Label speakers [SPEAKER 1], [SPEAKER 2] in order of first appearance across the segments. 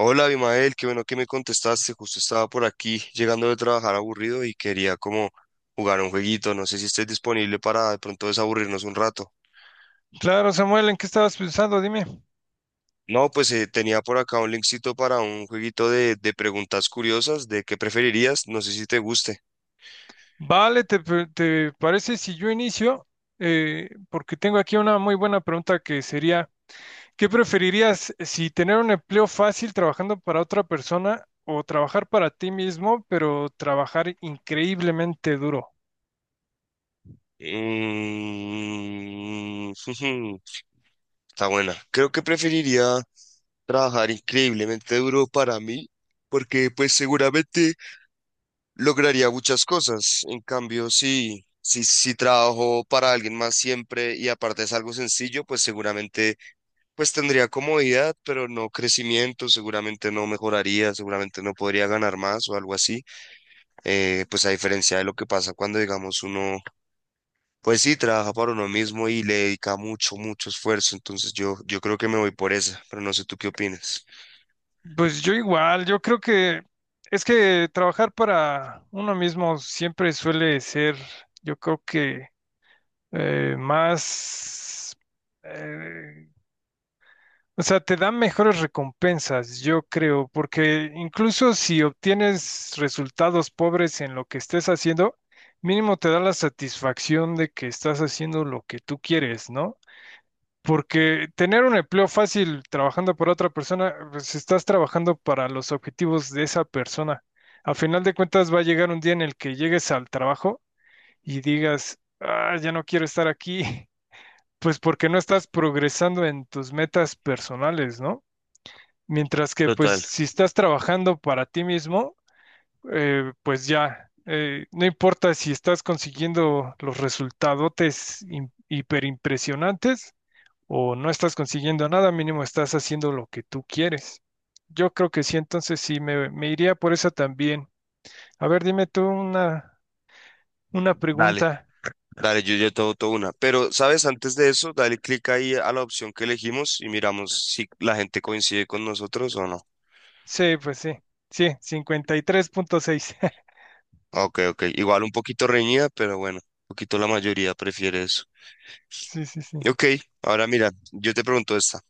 [SPEAKER 1] Hola, Abimael, qué bueno que me contestaste. Justo estaba por aquí llegando de trabajar aburrido y quería como jugar un jueguito. No sé si estés disponible para de pronto desaburrirnos un rato.
[SPEAKER 2] Claro, Samuel, ¿en qué estabas pensando? Dime.
[SPEAKER 1] No, pues tenía por acá un linkcito para un jueguito de preguntas curiosas de qué preferirías. No sé si te guste.
[SPEAKER 2] Vale, ¿te parece si yo inicio? Porque tengo aquí una muy buena pregunta que sería, ¿qué preferirías si tener un empleo fácil trabajando para otra persona o trabajar para ti mismo, pero trabajar increíblemente duro?
[SPEAKER 1] Mm, Está buena. Creo que preferiría trabajar increíblemente duro para mí porque pues seguramente lograría muchas cosas. En cambio, si trabajo para alguien más siempre y aparte es algo sencillo, pues seguramente pues tendría comodidad, pero no crecimiento, seguramente no mejoraría, seguramente no podría ganar más o algo así. Pues a diferencia de lo que pasa cuando, digamos, uno, pues sí, trabaja para uno mismo y le dedica mucho, mucho esfuerzo. Entonces yo creo que me voy por esa, pero no sé tú qué opinas.
[SPEAKER 2] Pues yo igual, yo creo que es que trabajar para uno mismo siempre suele ser, yo creo que eh, más... eh, o sea, te dan mejores recompensas, yo creo, porque incluso si obtienes resultados pobres en lo que estés haciendo, mínimo te da la satisfacción de que estás haciendo lo que tú quieres, ¿no? Porque tener un empleo fácil trabajando para otra persona, pues estás trabajando para los objetivos de esa persona. A final de cuentas va a llegar un día en el que llegues al trabajo y digas, ah, ya no quiero estar aquí, pues porque no estás progresando en tus metas personales, ¿no? Mientras que, pues,
[SPEAKER 1] Total,
[SPEAKER 2] si estás trabajando para ti mismo, pues ya, no importa si estás consiguiendo los resultadotes hiperimpresionantes o no estás consiguiendo nada, mínimo estás haciendo lo que tú quieres. Yo creo que sí, entonces sí, me iría por eso también. A ver, dime tú una,
[SPEAKER 1] dale.
[SPEAKER 2] pregunta.
[SPEAKER 1] Dale, yo ya tengo toda una. Pero, ¿sabes? Antes de eso, dale clic ahí a la opción que elegimos y miramos si la gente coincide con nosotros o no.
[SPEAKER 2] Sí, pues sí, sí, 53.6.
[SPEAKER 1] Ah, ok, ok. Igual un poquito reñida, pero bueno, un poquito la mayoría prefiere eso.
[SPEAKER 2] Sí, sí, sí.
[SPEAKER 1] Ok, ahora mira, yo te pregunto esta.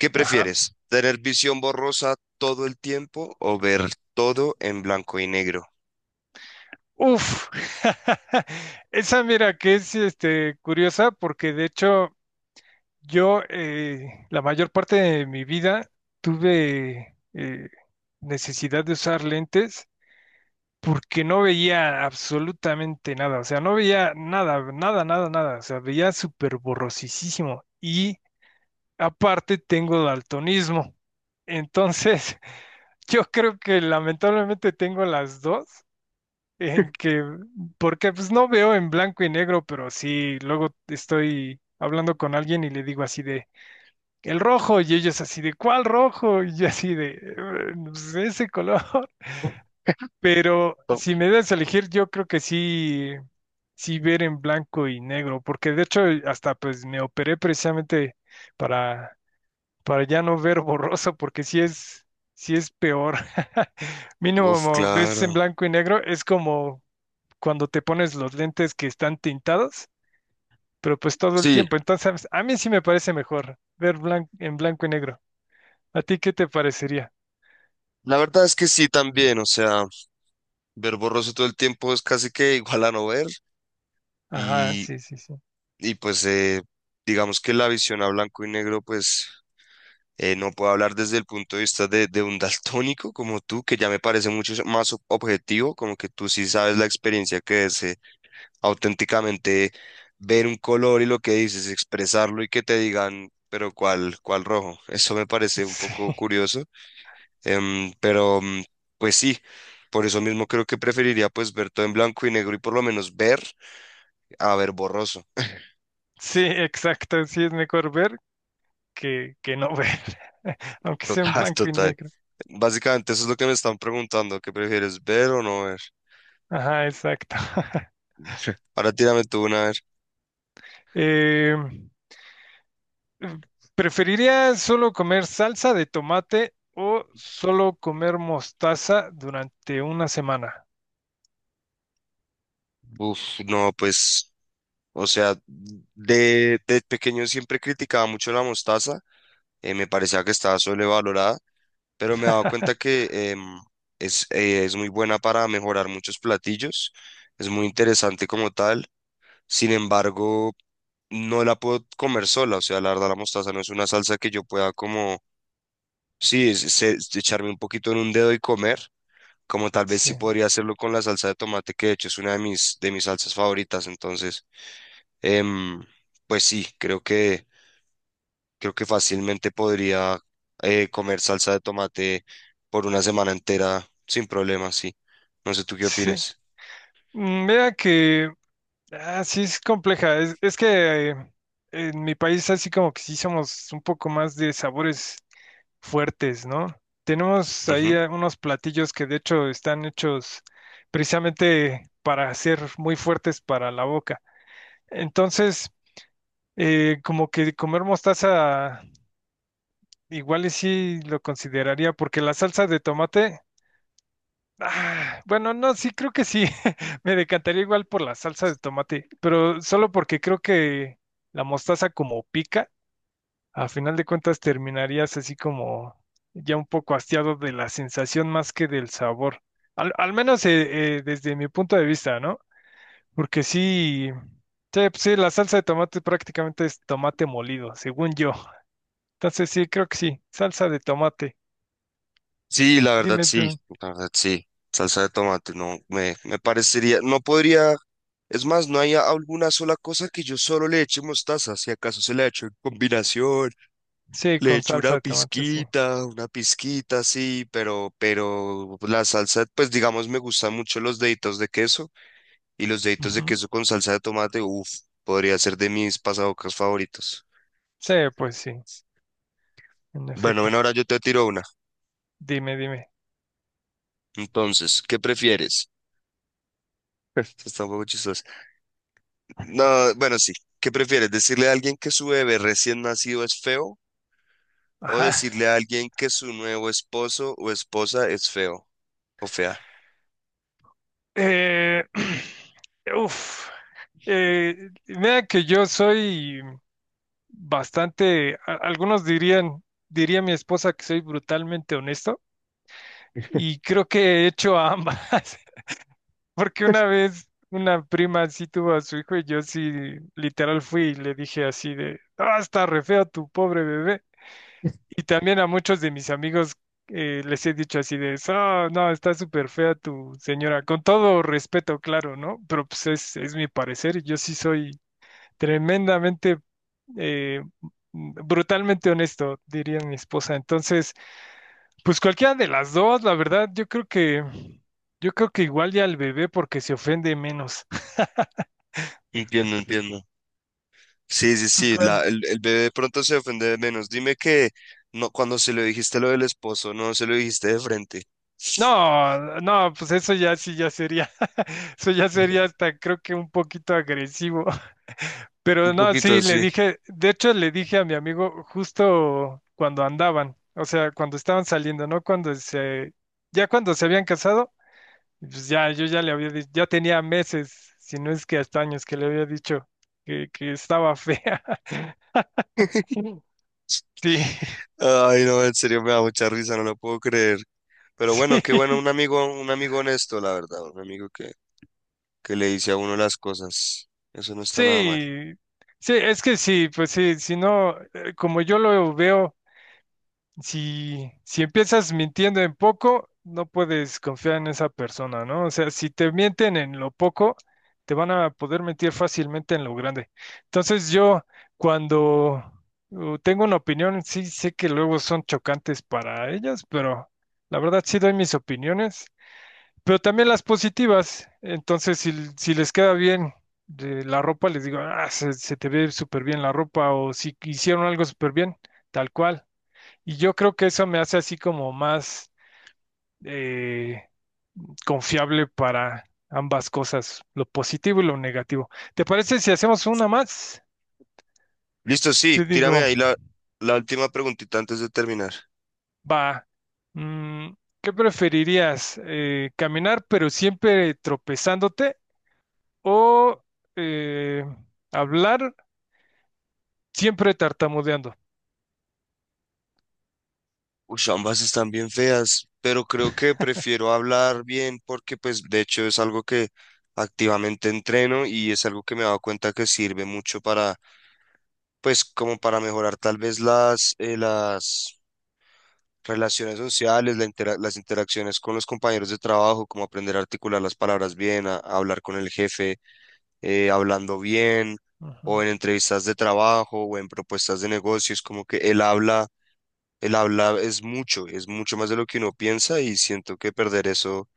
[SPEAKER 1] ¿Qué
[SPEAKER 2] Ajá.
[SPEAKER 1] prefieres? ¿Tener visión borrosa todo el tiempo o ver todo en blanco y negro?
[SPEAKER 2] Uf, esa mira que es curiosa, porque de hecho yo la mayor parte de mi vida tuve necesidad de usar lentes porque no veía absolutamente nada, o sea, no veía nada, nada, nada, nada, o sea, veía súper borrosísimo y aparte tengo daltonismo, entonces yo creo que lamentablemente tengo las dos en que, porque pues no veo en blanco y negro, pero sí, luego estoy hablando con alguien y le digo así de, el rojo, y ellos así de, ¿cuál rojo? Y yo así de, pues ese color". Pero
[SPEAKER 1] Oh,
[SPEAKER 2] si me das a elegir, yo creo que sí, sí ver en blanco y negro, porque de hecho hasta pues me operé precisamente para, para ya no ver borroso, porque sí es peor.
[SPEAKER 1] uf,
[SPEAKER 2] Mínimo ves en
[SPEAKER 1] claro.
[SPEAKER 2] blanco y negro, es como cuando te pones los lentes que están tintados, pero pues todo el
[SPEAKER 1] Sí,
[SPEAKER 2] tiempo. Entonces, a mí sí me parece mejor ver en blanco y negro. ¿A ti qué te parecería?
[SPEAKER 1] la verdad es que sí también, o sea, ver borroso todo el tiempo es casi que igual a no ver
[SPEAKER 2] Ajá,
[SPEAKER 1] y,
[SPEAKER 2] sí, sí, sí.
[SPEAKER 1] y pues digamos que la visión a blanco y negro, pues no puedo hablar desde el punto de vista de un daltónico como tú, que ya me parece mucho más ob- objetivo, como que tú sí sabes la experiencia que es auténticamente ver un color y lo que dices, expresarlo y que te digan, pero ¿cuál, cuál rojo? Eso me parece un
[SPEAKER 2] Sí,
[SPEAKER 1] poco curioso, pero pues sí. Por eso mismo creo que preferiría pues ver todo en blanco y negro y por lo menos ver a ver borroso.
[SPEAKER 2] sí, exacto. Sí es mejor ver que no ver, aunque sea en
[SPEAKER 1] Total,
[SPEAKER 2] blanco y
[SPEAKER 1] total.
[SPEAKER 2] negro.
[SPEAKER 1] Básicamente eso es lo que me están preguntando, ¿qué prefieres ver o no ver?
[SPEAKER 2] Ajá, exacto.
[SPEAKER 1] Ahora tírame tú una, a ver.
[SPEAKER 2] Eh, ¿Preferiría solo comer salsa de tomate o solo comer mostaza durante una semana?
[SPEAKER 1] Uf, no, pues, o sea, de pequeño siempre criticaba mucho la mostaza, me parecía que estaba sobrevalorada, pero me he dado cuenta que es muy buena para mejorar muchos platillos, es muy interesante como tal, sin embargo, no la puedo comer sola, o sea, la verdad la mostaza no es una salsa que yo pueda como, sí, echarme un poquito en un dedo y comer. Como tal vez
[SPEAKER 2] Sí,
[SPEAKER 1] sí podría hacerlo con la salsa de tomate, que de hecho es una de mis salsas favoritas. Entonces, em, pues sí, creo que fácilmente podría comer salsa de tomate por una semana entera sin problema, sí. No sé tú qué
[SPEAKER 2] sí.
[SPEAKER 1] opinas.
[SPEAKER 2] Mm, Vea que Ah, sí, es compleja. Es que en mi país así como que sí somos un poco más de sabores fuertes, ¿no? Tenemos ahí
[SPEAKER 1] Ujú.
[SPEAKER 2] unos platillos que de hecho están hechos precisamente para ser muy fuertes para la boca. Entonces, como que comer mostaza igual y sí lo consideraría, porque la salsa de tomate. Ah, bueno, no, sí, creo que sí. Me decantaría igual por la salsa de tomate, pero solo porque creo que la mostaza como pica, a final de cuentas terminarías así como ya un poco hastiado de la sensación más que del sabor. Al menos desde mi punto de vista, ¿no? Porque sí, sí, pues sí, la salsa de tomate prácticamente es tomate molido, según yo. Entonces sí, creo que sí, salsa de tomate.
[SPEAKER 1] Sí, la verdad
[SPEAKER 2] Dime
[SPEAKER 1] sí,
[SPEAKER 2] tú.
[SPEAKER 1] la verdad sí. Salsa de tomate, no, me parecería, no podría, es más, no hay alguna sola cosa que yo solo le eche mostaza, si acaso se le echo en combinación.
[SPEAKER 2] Sí,
[SPEAKER 1] Le
[SPEAKER 2] con
[SPEAKER 1] echo
[SPEAKER 2] salsa de tomate, sí.
[SPEAKER 1] una pizquita, sí, pero la salsa, pues digamos, me gustan mucho los deditos de queso y los deditos de
[SPEAKER 2] Ujú.
[SPEAKER 1] queso con salsa de tomate, uff, podría ser de mis pasabocas favoritos.
[SPEAKER 2] Sí, pues sí. En
[SPEAKER 1] Bueno,
[SPEAKER 2] efecto.
[SPEAKER 1] bueno, ahora yo te tiro una.
[SPEAKER 2] Dime, dime.
[SPEAKER 1] Entonces, ¿qué prefieres? Esto Está un poco chistoso. No, bueno, sí. ¿Qué prefieres? ¿Decirle a alguien que su bebé recién nacido es feo o
[SPEAKER 2] Ajá.
[SPEAKER 1] decirle a alguien que su nuevo esposo o esposa es feo o fea?
[SPEAKER 2] Eh, uf. Mira que yo soy bastante, algunos dirían, diría mi esposa que soy brutalmente honesto, y creo que he hecho a ambas, porque una vez una prima sí tuvo a su hijo y yo sí literal fui y le dije así de, ah, está re feo tu pobre bebé. Y también a muchos de mis amigos les he dicho así de, oh, no, está súper fea tu señora, con todo respeto, claro, ¿no? Pero pues es mi parecer, y yo sí soy tremendamente, eh, brutalmente honesto, diría mi esposa. Entonces, pues cualquiera de las dos, la verdad, yo creo que igual ya al bebé, porque se ofende menos.
[SPEAKER 1] Entiendo, entiendo. Sí, sí,
[SPEAKER 2] ¿Tú
[SPEAKER 1] sí, la,
[SPEAKER 2] cuál?
[SPEAKER 1] el bebé de pronto se ofende de menos. Dime que no, cuando se lo dijiste lo del esposo, no se lo dijiste de frente.
[SPEAKER 2] No, no, pues eso ya sí ya sería, eso ya sería hasta creo que un poquito agresivo. Pero
[SPEAKER 1] Un
[SPEAKER 2] no,
[SPEAKER 1] poquito
[SPEAKER 2] sí, le
[SPEAKER 1] así.
[SPEAKER 2] dije, de hecho le dije a mi amigo justo cuando andaban, o sea, cuando estaban saliendo, ¿no? Ya cuando se habían casado, pues ya, yo ya le había dicho, ya tenía meses, si no es que hasta años que le había dicho que estaba fea. Sí,
[SPEAKER 1] Ay, no, en serio me da mucha risa, no lo puedo creer. Pero bueno, qué bueno,
[SPEAKER 2] sí,
[SPEAKER 1] un amigo honesto, la verdad, un amigo que le dice a uno las cosas. Eso no está nada mal.
[SPEAKER 2] sí, sí, es que sí, pues sí, si no, como yo lo veo. Si empiezas mintiendo en poco, no puedes confiar en esa persona, ¿no? O sea, si te mienten en lo poco, te van a poder mentir fácilmente en lo grande. Entonces yo, cuando tengo una opinión, sí sé que luego son chocantes para ellas, pero la verdad sí doy mis opiniones, pero también las positivas. Entonces, si les queda bien. De la ropa les digo, ah, se te ve súper bien la ropa, o si hicieron algo súper bien, tal cual. Y yo creo que eso me hace así como más eh, confiable para ambas cosas, lo positivo y lo negativo. ¿Te parece si hacemos una más?
[SPEAKER 1] Listo, sí,
[SPEAKER 2] Te
[SPEAKER 1] tírame
[SPEAKER 2] digo,
[SPEAKER 1] ahí la, la última preguntita antes de terminar.
[SPEAKER 2] va, mm, ¿qué preferirías? ¿Caminar pero siempre tropezándote o eh, hablar siempre tartamudeando?
[SPEAKER 1] Uy, ambas están bien feas, pero creo que prefiero hablar bien porque pues de hecho es algo que activamente entreno y es algo que me he dado cuenta que sirve mucho para pues como para mejorar tal vez las relaciones sociales, la intera- las interacciones con los compañeros de trabajo, como aprender a articular las palabras bien, a hablar con el jefe hablando bien o
[SPEAKER 2] Ajá.
[SPEAKER 1] en entrevistas de trabajo o en propuestas de negocios, como que él habla el habla es mucho más de lo que uno piensa y siento que perder eso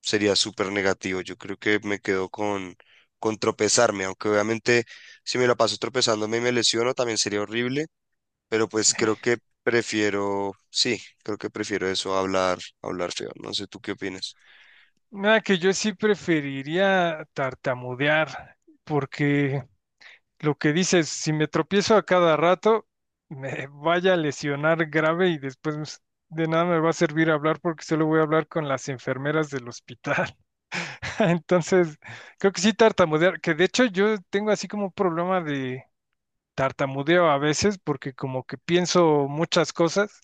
[SPEAKER 1] sería súper negativo. Yo creo que me quedo con tropezarme, aunque obviamente si me la paso tropezándome y me lesiono también sería horrible, pero
[SPEAKER 2] Sí.
[SPEAKER 1] pues creo que prefiero, sí, creo que prefiero eso, a hablar feo. No sé, ¿tú qué opinas?
[SPEAKER 2] Nada, que yo sí preferiría tartamudear, porque lo que dices, si me tropiezo a cada rato, me vaya a lesionar grave, y después pues, de nada me va a servir hablar porque solo voy a hablar con las enfermeras del hospital. Entonces, creo que sí tartamudear, que de hecho yo tengo así como un problema de tartamudeo a veces, porque como que pienso muchas cosas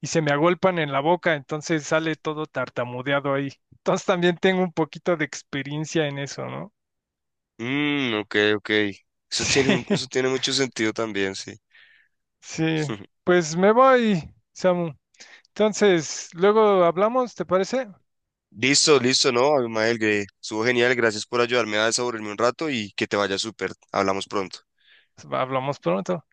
[SPEAKER 2] y se me agolpan en la boca, entonces sale todo tartamudeado ahí. Entonces también tengo un poquito de experiencia en eso, ¿no?
[SPEAKER 1] Mm, ok, ok. Eso tiene, eso
[SPEAKER 2] Sí,
[SPEAKER 1] tiene mucho sentido también, sí.
[SPEAKER 2] sí. Pues me voy, Samu. Entonces, luego hablamos, ¿te parece?
[SPEAKER 1] Listo, listo, ¿no? Abimael, que estuvo genial. Gracias por ayudarme a desaburrirme un rato y que te vaya súper. Hablamos pronto.
[SPEAKER 2] Hablamos pronto.